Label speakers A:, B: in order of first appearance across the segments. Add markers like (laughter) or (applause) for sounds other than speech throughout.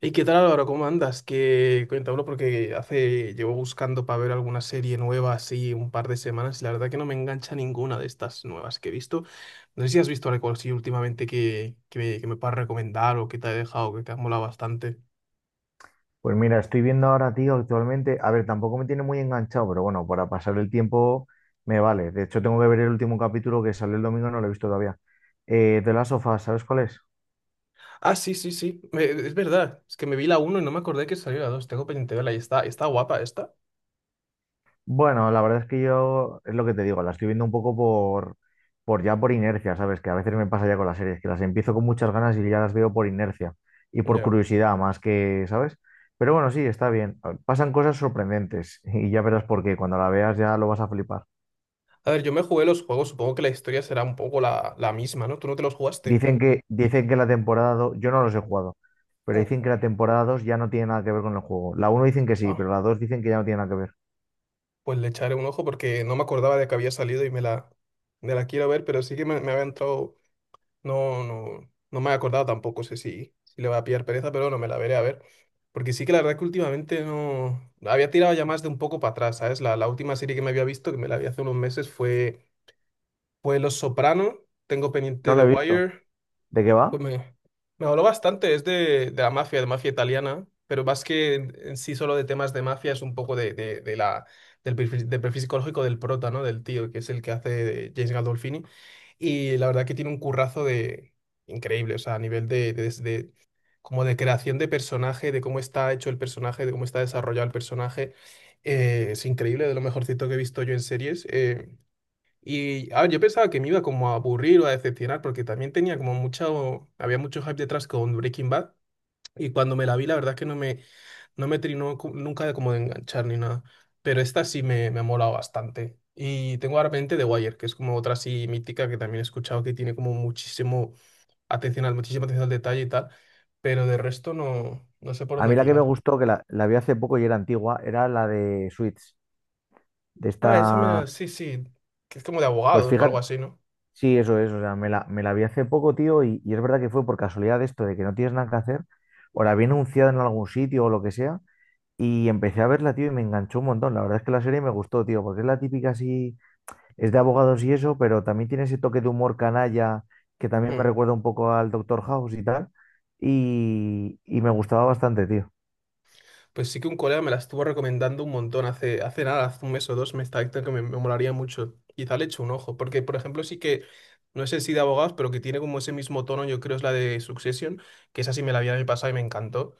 A: ¿Y qué tal, Álvaro? ¿Cómo andas? Que cuéntamelo porque hace llevo buscando para ver alguna serie nueva así un par de semanas y la verdad que no me engancha ninguna de estas nuevas que he visto. No sé si has visto algo así últimamente que me puedas recomendar o que te ha dejado, que te ha molado bastante.
B: Pues mira, estoy viendo ahora, tío, actualmente. A ver, tampoco me tiene muy enganchado, pero bueno, para pasar el tiempo me vale. De hecho, tengo que ver el último capítulo que salió el domingo, no lo he visto todavía. The Last of Us, ¿sabes cuál es?
A: Ah, sí, sí, sí. Es verdad. Es que me vi la uno y no me acordé que salió la dos. Tengo pendiente de verla y está guapa esta.
B: Bueno, la verdad es que yo, es lo que te digo, la estoy viendo un poco por, ya por inercia, ¿sabes? Que a veces me pasa ya con las series, que las empiezo con muchas ganas y ya las veo por inercia y por
A: Ya.
B: curiosidad más que, ¿sabes? Pero bueno, sí, está bien. Pasan cosas sorprendentes (laughs) y ya verás por qué. Cuando la veas ya lo vas a flipar.
A: A ver, yo me jugué los juegos. Supongo que la historia será un poco la misma, ¿no? ¿Tú no te los jugaste?
B: Dicen que la temporada 2, yo no los he jugado, pero
A: Mm.
B: dicen que la temporada 2 ya no tiene nada que ver con el juego. La uno dicen que sí,
A: Ah.
B: pero la 2 dicen que ya no tiene nada que ver.
A: Pues le echaré un ojo porque no me acordaba de que había salido y me la quiero ver, pero sí que me había entrado, no me he acordado tampoco, sé si, si le va a pillar pereza, pero no me la veré a ver. Porque sí que la verdad que últimamente no, había tirado ya más de un poco para atrás, ¿sabes? La última serie que me había visto, que me la vi hace unos meses, fue Los Soprano, tengo
B: No
A: pendiente The
B: la he visto.
A: Wire,
B: ¿De qué va?
A: pues me, me habló bastante, es de la mafia, de mafia italiana, pero más que en sí solo de temas de mafia, es un poco de la, del perfil psicológico del prota, ¿no? Del tío, que es el que hace de James Gandolfini. Y la verdad que tiene un currazo de increíble, o sea, a nivel como de creación de personaje, de cómo está hecho el personaje, de cómo está desarrollado el personaje. Es increíble, de lo mejorcito que he visto yo en series. Y a ver, yo pensaba que me iba como a aburrir o a decepcionar porque también tenía como mucho, había mucho hype detrás con Breaking Bad, y cuando me la vi la verdad es que no me trinó nunca de como de enganchar ni nada, pero esta sí me ha molado bastante. Y tengo ahora pendiente The Wire, que es como otra así mítica que también he escuchado que tiene como muchísimo atención al, muchísima atención al detalle y tal, pero de resto no, no sé por
B: A mí
A: dónde
B: la que me
A: tirar.
B: gustó, que la vi hace poco y era antigua, era la de Switch. De
A: Ah, esa
B: esta.
A: sí, sí, que es como de
B: Pues
A: abogados o algo
B: fíjate,
A: así, ¿no?
B: sí, eso es. O sea, me la vi hace poco, tío, y, es verdad que fue por casualidad esto de que no tienes nada que hacer, o la vi anunciada en algún sitio o lo que sea, y empecé a verla, tío, y me enganchó un montón. La verdad es que la serie me gustó, tío, porque es la típica así, es de abogados y eso, pero también tiene ese toque de humor canalla que también me
A: Mm.
B: recuerda un poco al Doctor House y tal. Y me gustaba bastante, tío.
A: Pues sí que un colega me la estuvo recomendando un montón hace nada, hace un mes o dos, me está diciendo que me molaría mucho. Quizá le echo un ojo, porque por ejemplo sí que, no sé si de abogados, pero que tiene como ese mismo tono, yo creo es la de Succession, que esa sí me la vi el año pasado y me encantó.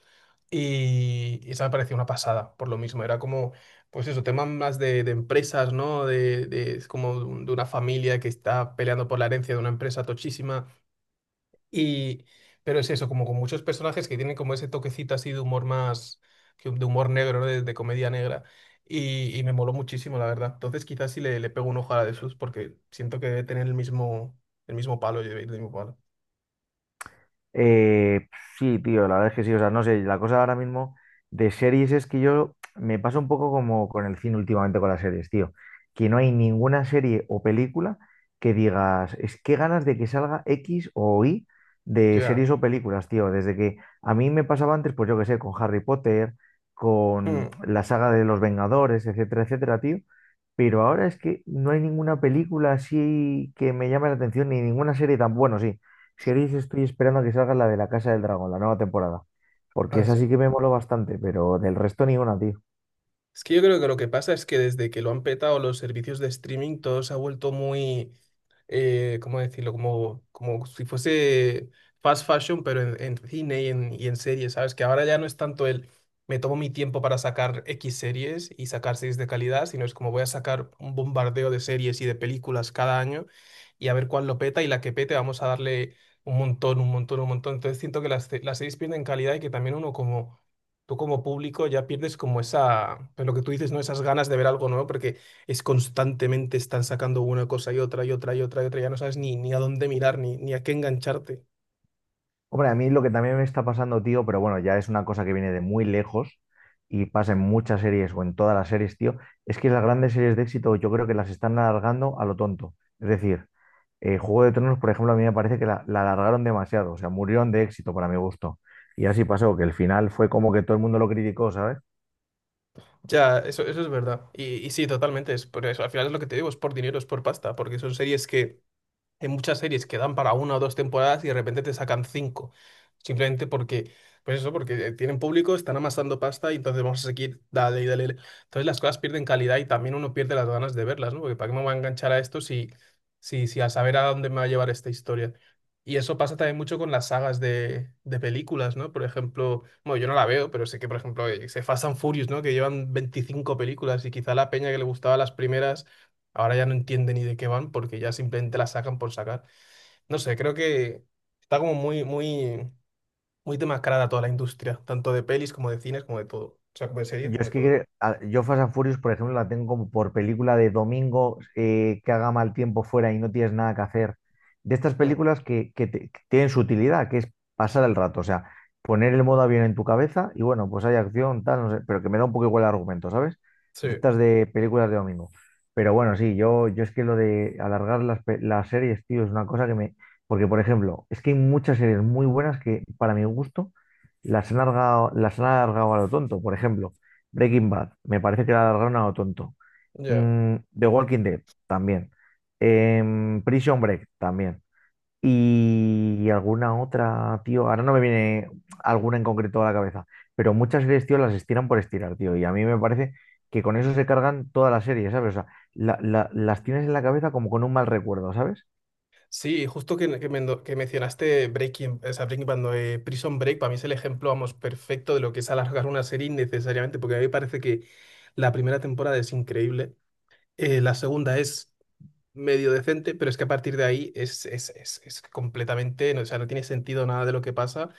A: Y esa me pareció una pasada, por lo mismo, era como, pues eso, temas más de empresas, ¿no? Es como de una familia que está peleando por la herencia de una empresa tochísima y, pero es eso, como con muchos personajes que tienen como ese toquecito así de humor más, de humor negro, ¿no? De comedia negra. Y me moló muchísimo, la verdad. Entonces quizás sí le pego un ojo a la de Sus porque siento que debe tener el mismo palo, el mismo palo.
B: Eh, sí, tío, la verdad es que sí. O sea, no sé, la cosa ahora mismo de series es que yo me pasa un poco como con el cine últimamente con las series, tío. Que no hay ninguna serie o película que digas, es que ganas de que salga X o Y de
A: Ya.
B: series o películas, tío. Desde que a mí me pasaba antes, pues yo qué sé, con Harry Potter, con
A: Mm.
B: la saga de los Vengadores, etcétera, etcétera, tío. Pero ahora es que no hay ninguna película así que me llame la atención, ni ninguna serie, tan bueno, sí. Series estoy esperando a que salga la de La Casa del Dragón, la nueva temporada, porque
A: Ah,
B: esa
A: sí.
B: sí que me moló bastante, pero del resto ni una, tío.
A: Es que yo creo que lo que pasa es que desde que lo han petado los servicios de streaming, todo se ha vuelto muy, ¿cómo decirlo? Como, como si fuese fast fashion, pero en cine y en series, ¿sabes? Que ahora ya no es tanto el me tomo mi tiempo para sacar X series y sacar series de calidad, sino es como voy a sacar un bombardeo de series y de películas cada año, y a ver cuál lo peta y la que pete vamos a darle un montón, un montón, un montón. Entonces siento que las series pierden calidad y que también uno como tú como público ya pierdes como esa, pues lo que tú dices, ¿no? Esas ganas de ver algo nuevo porque es constantemente están sacando una cosa y otra y otra y otra y otra, ya no sabes ni a dónde mirar ni a qué engancharte.
B: Hombre, a mí lo que también me está pasando, tío, pero bueno, ya es una cosa que viene de muy lejos y pasa en muchas series o en todas las series, tío, es que las grandes series de éxito yo creo que las están alargando a lo tonto. Es decir, Juego de Tronos, por ejemplo, a mí me parece que la alargaron demasiado, o sea, murieron de éxito para mi gusto. Y así pasó, que el final fue como que todo el mundo lo criticó, ¿sabes?
A: Ya, eso es verdad. Y sí, totalmente, es por eso. Al final es lo que te digo, es por dinero, es por pasta, porque son series que... Hay muchas series que dan para una o dos temporadas y de repente te sacan cinco. Simplemente porque, pues eso, porque tienen público, están amasando pasta y entonces vamos a seguir, dale y dale. Entonces las cosas pierden calidad y también uno pierde las ganas de verlas, ¿no? Porque ¿para qué me voy a enganchar a esto si a saber a dónde me va a llevar esta historia? Y eso pasa también mucho con las sagas de películas, ¿no? Por ejemplo, bueno, yo no la veo, pero sé que, por ejemplo, se Fast and Furious, ¿no? Que llevan 25 películas y quizá la peña que le gustaba las primeras, ahora ya no entiende ni de qué van porque ya simplemente la sacan por sacar. No sé, creo que está como muy demascarada toda la industria, tanto de pelis como de cines, como de todo. O sea, como de series,
B: Yo
A: como
B: es
A: de
B: que
A: todo.
B: creo- a- yo Fast and Furious, por ejemplo, la tengo como por película de domingo, que haga mal tiempo fuera y no tienes nada que hacer. De estas
A: Mm,
B: películas que tienen su utilidad, que es pasar el rato, o sea, poner el modo avión en tu cabeza y bueno, pues hay acción, tal, no sé, pero que me da un poco igual el argumento, ¿sabes? De
A: sí,
B: estas de películas de domingo. Pero bueno, sí, yo es que lo de alargar las series, tío, es una cosa que me... Porque, por ejemplo, es que hay muchas series muy buenas que, para mi gusto, las han alargado a lo tonto. Por ejemplo, Breaking Bad, me parece que la alargaron a lo tonto.
A: ya.
B: The Walking Dead, también. Prison Break, también. Y alguna otra, tío. Ahora no me viene alguna en concreto a la cabeza. Pero muchas series, tío, las estiran por estirar, tío. Y a mí me parece que con eso se cargan toda la serie, ¿sabes? O sea, las tienes en la cabeza como con un mal recuerdo, ¿sabes?
A: Sí, justo que mencionaste Breaking, o sea, Breaking Bad, no, Prison Break, para mí es el ejemplo, vamos, perfecto de lo que es alargar una serie innecesariamente, porque a mí me parece que la primera temporada es increíble. La segunda es medio decente, pero es que a partir de ahí es completamente, no, o sea, no tiene sentido nada de lo que pasa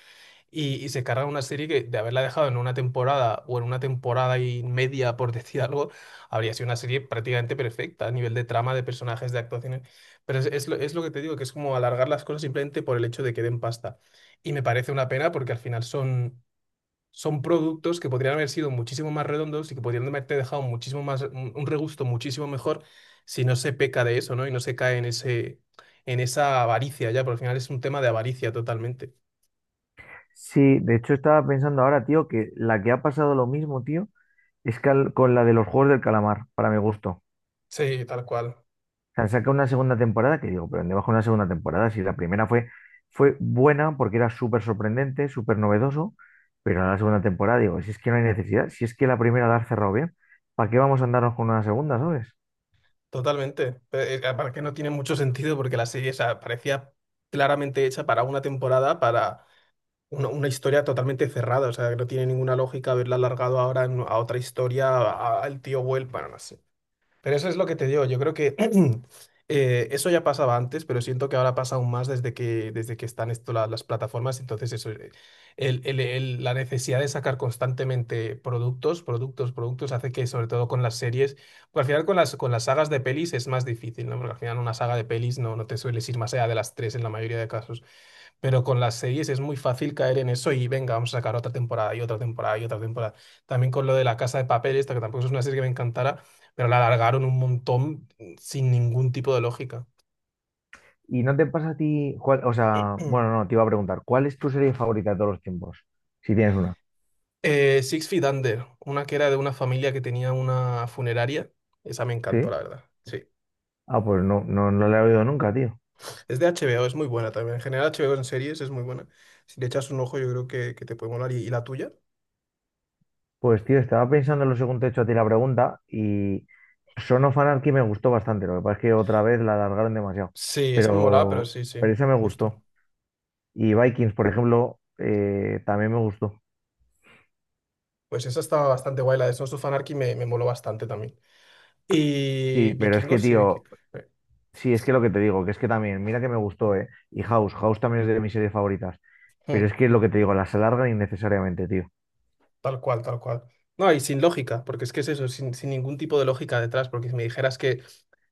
A: y se carga una serie que de haberla dejado en una temporada o en una temporada y media, por (laughs) decir algo, habría sido una serie prácticamente perfecta a nivel de trama, de personajes, de actuaciones, pero es lo que te digo, que es como alargar las cosas simplemente por el hecho de que den pasta. Y me parece una pena porque al final son son productos que podrían haber sido muchísimo más redondos y que podrían haberte dejado muchísimo más, un regusto muchísimo mejor si no se peca de eso, ¿no? Y no se cae en ese, en esa avaricia ya, porque al final es un tema de avaricia totalmente.
B: Sí, de hecho estaba pensando ahora, tío, que la que ha pasado lo mismo, tío, es con la de los Juegos del Calamar, para mi gusto.
A: Sí, tal cual,
B: Sea, saca una segunda temporada que digo, pero ¿dónde bajo una segunda temporada? Si la primera fue buena porque era súper sorprendente, súper novedoso, pero en la segunda temporada digo, si es que no hay necesidad, si es que la primera la has cerrado bien, ¿para qué vamos a andarnos con una segunda, sabes?
A: totalmente. Aparte que no tiene mucho sentido porque la serie, o sea, parecía claramente hecha para una temporada, para una historia totalmente cerrada, o sea, que no tiene ninguna lógica haberla alargado ahora a otra historia, al tío vuelva. Pero eso es lo que te digo. Yo creo que (clears throat) eso ya pasaba antes, pero siento que ahora pasa aún más desde que están esto, las plataformas. Entonces, eso, la necesidad de sacar constantemente productos, productos, productos, hace que, sobre todo con las series, pues al final con con las sagas de pelis es más difícil, ¿no? Porque al final una saga de pelis no, no te sueles ir más allá de las tres en la mayoría de casos. Pero con las series es muy fácil caer en eso y venga, vamos a sacar otra temporada y otra temporada y otra temporada. También con lo de La Casa de Papel, esta que tampoco es una serie que me encantara, pero la alargaron un montón sin ningún tipo de lógica.
B: ¿Y no te pasa a ti, cuál, o sea, bueno,
A: (clears throat)
B: no, te iba a preguntar, cuál es tu serie favorita de todos los tiempos? Si tienes una.
A: Six Feet Under, una que era de una familia que tenía una funeraria. Esa me encantó,
B: ¿Sí?
A: la verdad. Sí.
B: Ah, pues no, no, no la he oído nunca, tío.
A: Es de HBO, es muy buena también. En general, HBO en series es muy buena. Si le echas un ojo, yo creo que te puede molar. Y la tuya?
B: Pues tío, estaba pensando en lo segundo hecho a ti la pregunta y Son of Anarchy me gustó bastante, lo que pasa es que otra vez la alargaron demasiado,
A: Sí, esa me molaba, pero
B: pero,
A: sí, sí,
B: esa me
A: justo.
B: gustó. Y Vikings, por ejemplo, también me gustó.
A: Pues esa estaba bastante guay. La de Sons of Anarchy me moló bastante también.
B: Sí,
A: Y
B: pero es que,
A: Vikingos, sí,
B: tío,
A: Vikingos.
B: sí, es que lo que te digo, que es que también, mira que me gustó, ¿eh? Y House, House también es de mis series favoritas, pero es que es lo que te digo, las alargan innecesariamente, tío.
A: Tal cual, tal cual. No, y sin lógica, porque es que es eso, sin ningún tipo de lógica detrás, porque si me dijeras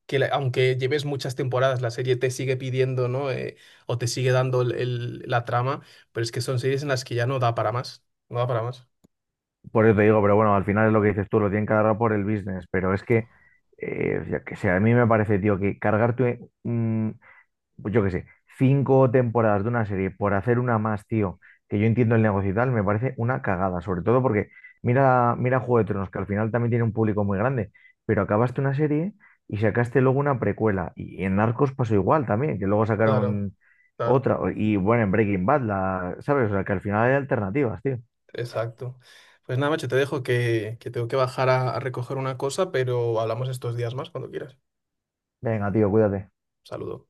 A: que aunque lleves muchas temporadas, la serie te sigue pidiendo, ¿no? O te sigue dando la trama, pero es que son series en las que ya no da para más, no da para más.
B: Por eso te digo, pero bueno, al final es lo que dices tú, lo tienen que agarrar por el business, pero es que, yo qué sé, a mí me parece, tío, que cargarte pues yo qué sé, cinco temporadas de una serie por hacer una más, tío, que yo entiendo el negocio y tal, me parece una cagada, sobre todo porque mira, mira Juego de Tronos, que al final también tiene un público muy grande, pero acabaste una serie y sacaste luego una precuela, y en Narcos pasó igual también, que luego
A: Claro,
B: sacaron
A: claro,
B: otra, y bueno, en Breaking Bad, la, ¿sabes? O sea, que al final hay alternativas, tío.
A: exacto. Pues nada, macho, te dejo que tengo que bajar a recoger una cosa, pero hablamos estos días más cuando quieras.
B: Venga, tío, cuídate.
A: Saludo.